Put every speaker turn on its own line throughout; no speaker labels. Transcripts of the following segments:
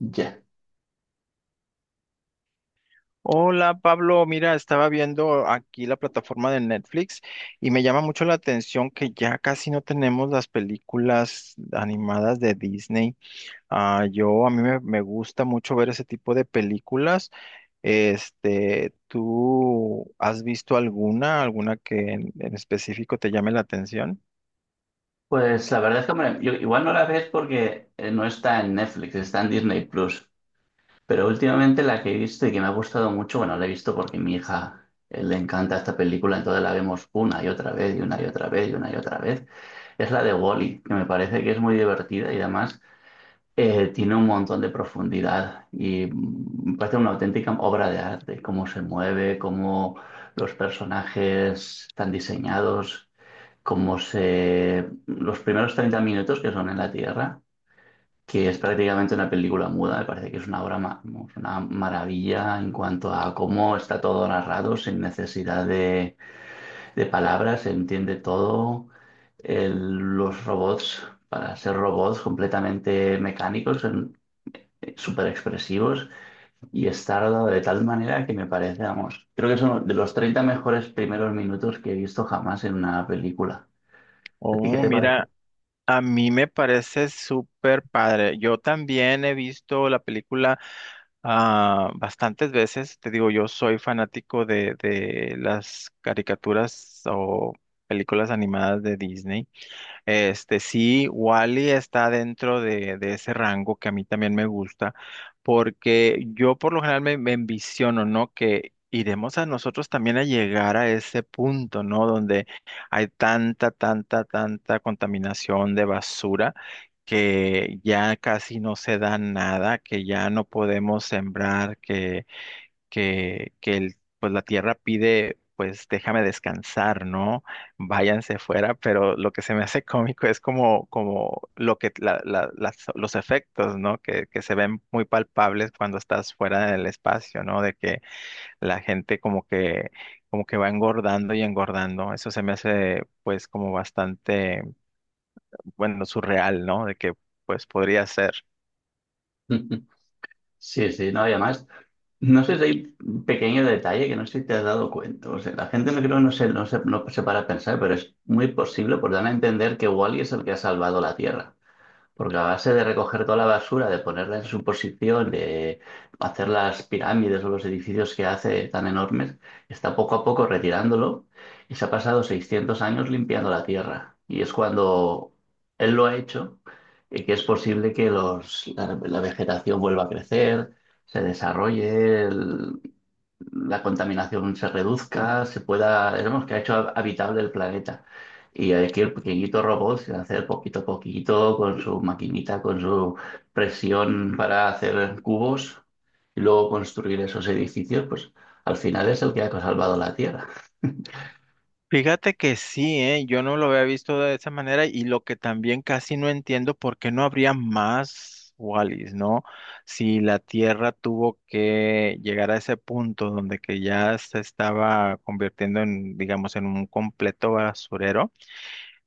Ya.
Hola Pablo, mira, estaba viendo aquí la plataforma de Netflix y me llama mucho la atención que ya casi no tenemos las películas animadas de Disney. Ah, yo a mí me gusta mucho ver ese tipo de películas. Este, ¿tú has visto alguna que en específico te llame la atención?
Pues la verdad es que hombre, yo igual no la ves porque no está en Netflix, está en Disney Plus. Pero últimamente la que he visto y que me ha gustado mucho, bueno, la he visto porque mi hija le encanta esta película, entonces la vemos una y otra vez y una y otra vez y una y otra vez. Es la de Wall-E, que me parece que es muy divertida y además tiene un montón de profundidad y me parece una auténtica obra de arte, cómo se mueve, cómo los personajes están diseñados. Como se, los primeros 30 minutos que son en la Tierra, que es prácticamente una película muda, me parece que es una obra, vamos, una maravilla en cuanto a cómo está todo narrado, sin necesidad de palabras, se entiende todo. El- los robots, para ser robots completamente mecánicos, son súper expresivos y está rodado de tal manera que me parece, vamos, creo que son de los 30 mejores primeros minutos que he visto jamás en una película. ¿A ti qué
Oh,
te parece?
mira. A mí me parece súper padre. Yo también he visto la película bastantes veces. Te digo, yo soy fanático de las caricaturas o películas animadas de Disney. Este, sí, Wally está dentro de ese rango que a mí también me gusta, porque yo por lo general me envisiono, ¿no? Que iremos a nosotros también a llegar a ese punto, ¿no? Donde hay tanta, tanta, tanta contaminación de basura que ya casi no se da nada, que ya no podemos sembrar, que el, pues la tierra pide, pues déjame descansar, ¿no? Váyanse fuera, pero lo que se me hace cómico es como, como lo que los efectos, ¿no? Que se ven muy palpables cuando estás fuera del espacio, ¿no? De que la gente como que va engordando y engordando. Eso se me hace, pues, como bastante, bueno, surreal, ¿no? De que, pues, podría ser.
Sí, sí, no, y además, no sé si hay un pequeño detalle que no sé si te has dado cuenta. O sea, la gente no creo, no se para a pensar, pero es muy posible por dar a entender que Wally es el que ha salvado la Tierra. Porque a base de recoger toda la basura, de ponerla en su posición, de hacer las pirámides o los edificios que hace tan enormes, está poco a poco retirándolo y se ha pasado 600 años limpiando la tierra. Y es cuando él lo ha hecho que es posible que la vegetación vuelva a crecer, se desarrolle, la contaminación se reduzca, se pueda, digamos, que ha hecho habitable el planeta. Y aquí el pequeñito robot se hace poquito a poquito con su maquinita, con su presión para hacer cubos y luego construir esos edificios, pues al final es el que ha salvado la Tierra.
Fíjate que sí, ¿eh? Yo no lo había visto de esa manera y lo que también casi no entiendo, ¿por qué no habría más Wallis, ¿no? Si la Tierra tuvo que llegar a ese punto donde que ya se estaba convirtiendo en, digamos, en un completo basurero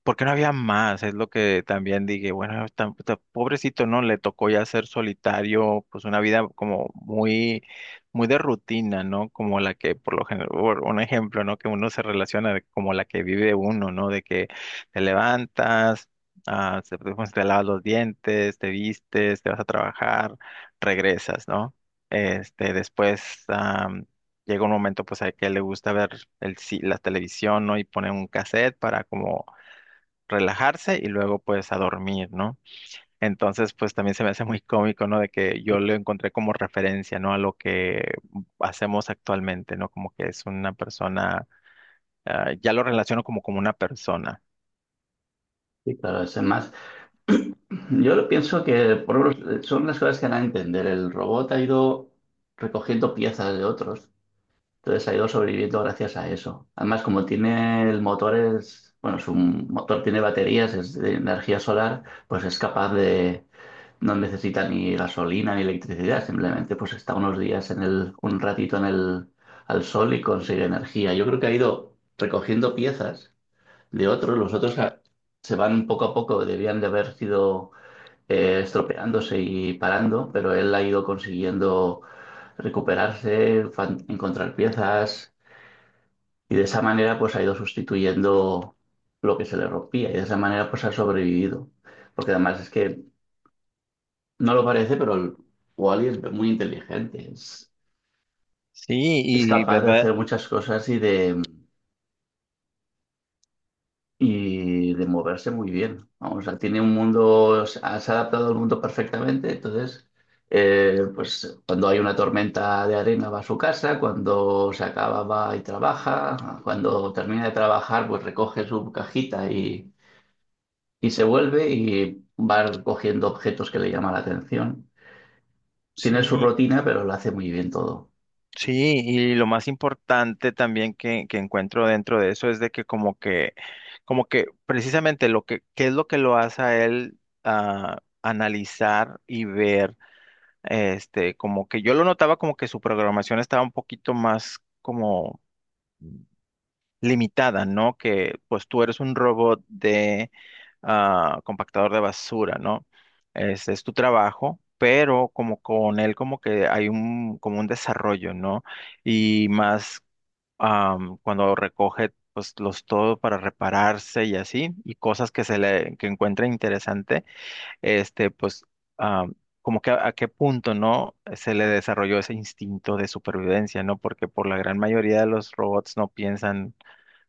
porque no había más, es lo que también dije, bueno, tan pobrecito, ¿no? Le tocó ya ser solitario, pues una vida como muy, muy de rutina, ¿no? Como la que, por lo general, por un ejemplo, ¿no? Que uno se relaciona como la que vive uno, ¿no? De que te levantas, pues, te lavas los dientes, te vistes, te vas a trabajar, regresas, ¿no? Este, después, llega un momento pues a que le gusta ver la televisión, ¿no? Y pone un cassette para como relajarse y luego pues a dormir, ¿no? Entonces pues también se me hace muy cómico, ¿no? De que yo lo encontré como referencia, ¿no? A lo que hacemos actualmente, ¿no? Como que es una persona, ya lo relaciono como una persona.
Y claro, es más. Yo lo pienso que por lo menos, son las cosas que van a entender. El robot ha ido recogiendo piezas de otros. Entonces ha ido sobreviviendo gracias a eso. Además, como tiene el motor, es, bueno, su motor tiene baterías, es de energía solar, pues es capaz de, no necesita ni gasolina ni electricidad, simplemente pues está unos días en el, un ratito en el, al sol y consigue energía. Yo creo que ha ido recogiendo piezas de otros, los otros se van poco a poco, debían de haber sido estropeándose y parando, pero él ha ido consiguiendo recuperarse, encontrar piezas y de esa manera pues ha ido sustituyendo lo que se le rompía y de esa manera pues ha sobrevivido. Porque además es que no lo parece, pero el Wally es muy inteligente,
Sí,
es
y
capaz de
verdad,
hacer muchas cosas y de moverse muy bien. Vamos, o sea, tiene un mundo, se ha adaptado al mundo perfectamente, entonces pues cuando hay una tormenta de arena va a su casa, cuando se acaba va y trabaja, cuando termina de trabajar pues recoge su cajita. Y se vuelve y va cogiendo objetos que le llaman la atención. Tiene su
sí,
rutina, pero lo hace muy bien todo.
sí, y lo más importante también que encuentro dentro de eso es de que como que, como que precisamente lo que, ¿qué es lo que lo hace a él analizar y ver? Este, como que yo lo notaba como que su programación estaba un poquito más como limitada, ¿no? Que pues tú eres un robot de compactador de basura, ¿no? Ese es tu trabajo, pero como con él como que hay un, como un desarrollo, ¿no? Y más cuando recoge pues los todo para repararse y así, y cosas que se le, que encuentra interesante este, pues, ah, como que a qué punto, ¿no? Se le desarrolló ese instinto de supervivencia, ¿no? Porque por la gran mayoría de los robots no piensan,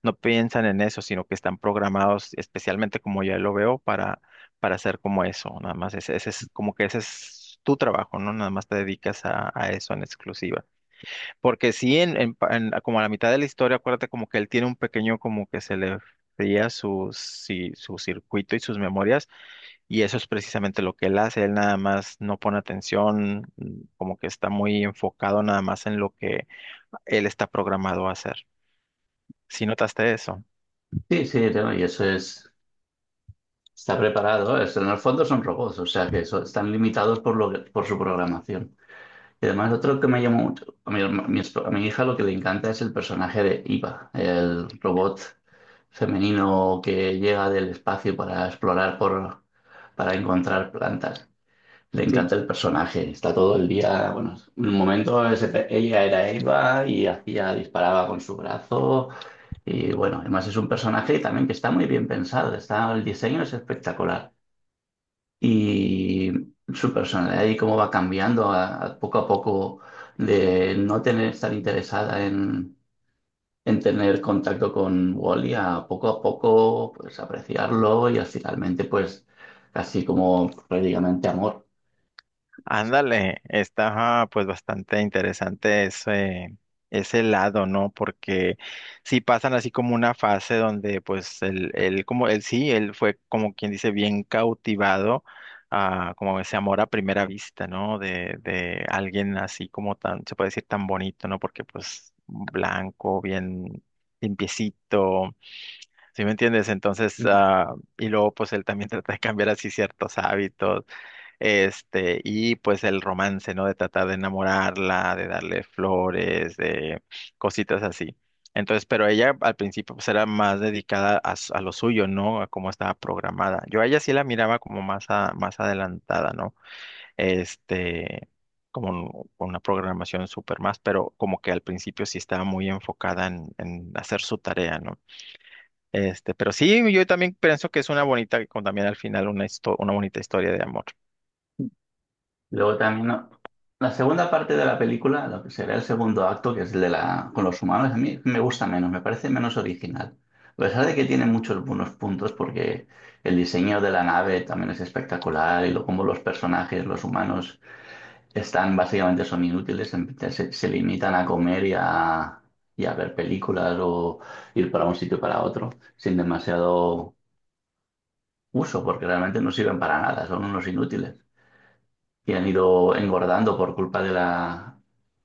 no piensan en eso, sino que están programados, especialmente como ya lo veo, para hacer como eso, nada más. Ese es como que ese es tu trabajo, ¿no? Nada más te dedicas a eso en exclusiva. Porque sí, en como a la mitad de la historia, acuérdate como que él tiene un pequeño, como que se le fría su, si- su circuito y sus memorias y eso es precisamente lo que él hace, él nada más no pone atención, como que está muy enfocado nada más en lo que él está programado a hacer. ¿Sí notaste eso?
Sí, sí, no, y eso es, está preparado. En el fondo son robots, o sea que están limitados por, lo por su programación. Y además, otro que me llamó mucho, a mi, a mi hija lo que le encanta es el personaje de Iva, el robot femenino que llega del espacio para explorar por, para encontrar plantas. Le
Sí.
encanta el personaje, está todo el día, bueno, en un momento ese ella era Eva y hacía, disparaba con su brazo y bueno, además es un personaje también que está muy bien pensado, está, el diseño es espectacular y su personalidad y cómo va cambiando a poco de no tener, estar interesada en tener contacto con Wally a poco pues apreciarlo y finalmente pues casi como prácticamente amor.
Ándale, está pues bastante interesante ese, ese lado, ¿no? Porque sí pasan así como una fase donde pues él como él sí, él fue como quien dice bien cautivado a como ese amor a primera vista, ¿no? De alguien así como tan, se puede decir tan bonito, ¿no? Porque pues blanco, bien limpiecito, ¿sí me entiendes? Entonces, ah, y luego pues él también trata de cambiar así ciertos hábitos este, y pues el romance, ¿no? De tratar de enamorarla, de darle flores, de cositas así. Entonces, pero ella al principio pues era más dedicada a, a lo suyo, ¿no? A cómo estaba programada. Yo a ella sí la miraba como más, más adelantada, ¿no? Este, como con una programación súper más, pero como que al principio sí estaba muy enfocada en hacer su tarea, ¿no? Este, pero sí, yo también pienso que es una bonita, con también al final una, una bonita historia de amor.
Luego también ¿no? La segunda parte de la película, lo que será el segundo acto, que es el de la con los humanos, a mí me gusta menos, me parece menos original. A pesar de que tiene muchos buenos puntos, porque el diseño de la nave también es espectacular y lo, como los personajes, los humanos, están básicamente son inútiles, se, se limitan a comer y a ver películas o ir para un sitio y para otro, sin demasiado uso, porque realmente no sirven para nada, son unos inútiles y han ido engordando por culpa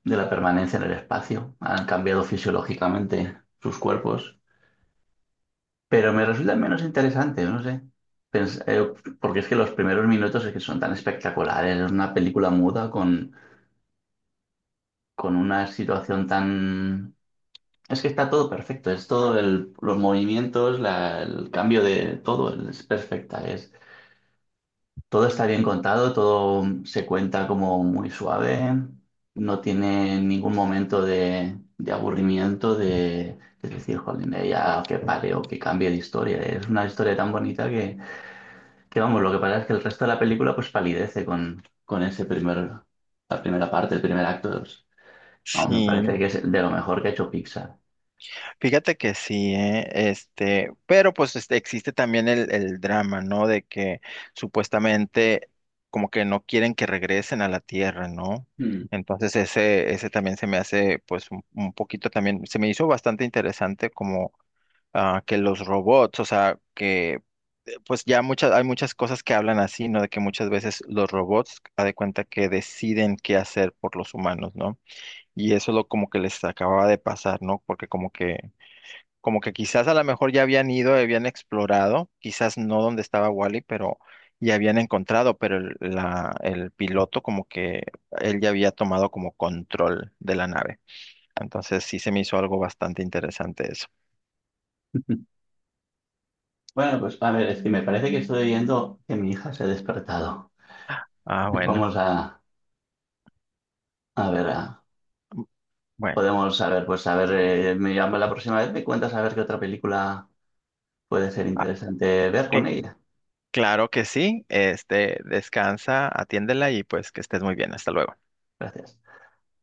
de la permanencia en el espacio. Han cambiado fisiológicamente sus cuerpos, pero me resulta menos interesante, no sé. Pens- eh, Porque es que los primeros minutos es que son tan espectaculares, es una película muda con una situación tan... Es que está todo perfecto, es todo los movimientos, el cambio de todo, es perfecta. Todo está bien contado, todo se cuenta como muy suave, no tiene ningún momento de aburrimiento, de decir, jolín, ya que pare o que cambie de historia. Es una historia tan bonita que, vamos, lo que pasa es que el resto de la película pues palidece con ese primer, la primera parte, el primer acto. Vamos, me parece
Sí.
que es de lo mejor que ha hecho Pixar.
Fíjate que sí, ¿eh? Este, pero pues este, existe también el drama, ¿no? De que supuestamente como que no quieren que regresen a la Tierra, ¿no?
Mm.
Entonces ese también se me hace pues un poquito también, se me hizo bastante interesante como que los robots, o sea, que pues ya muchas, hay muchas cosas que hablan así, ¿no? De que muchas veces los robots, a de cuenta que deciden qué hacer por los humanos, ¿no? Y eso es lo como que les acababa de pasar, ¿no? Porque como que quizás a lo mejor ya habían ido, habían explorado, quizás no donde estaba Wally, pero ya habían encontrado, pero el, la, el piloto como que él ya había tomado como control de la nave. Entonces sí se me hizo algo bastante interesante eso.
Bueno, pues a ver, es que me parece que estoy viendo que mi hija se ha despertado.
Ah, bueno.
Vamos a ver a.
Mm. Bueno,
Podemos saber, pues a ver, me llamo la próxima vez, me cuentas a ver qué otra película puede ser
ah,
interesante ver con
que-
ella.
claro que sí. Este, descansa, atiéndela y pues que estés muy bien. Hasta luego.
Gracias.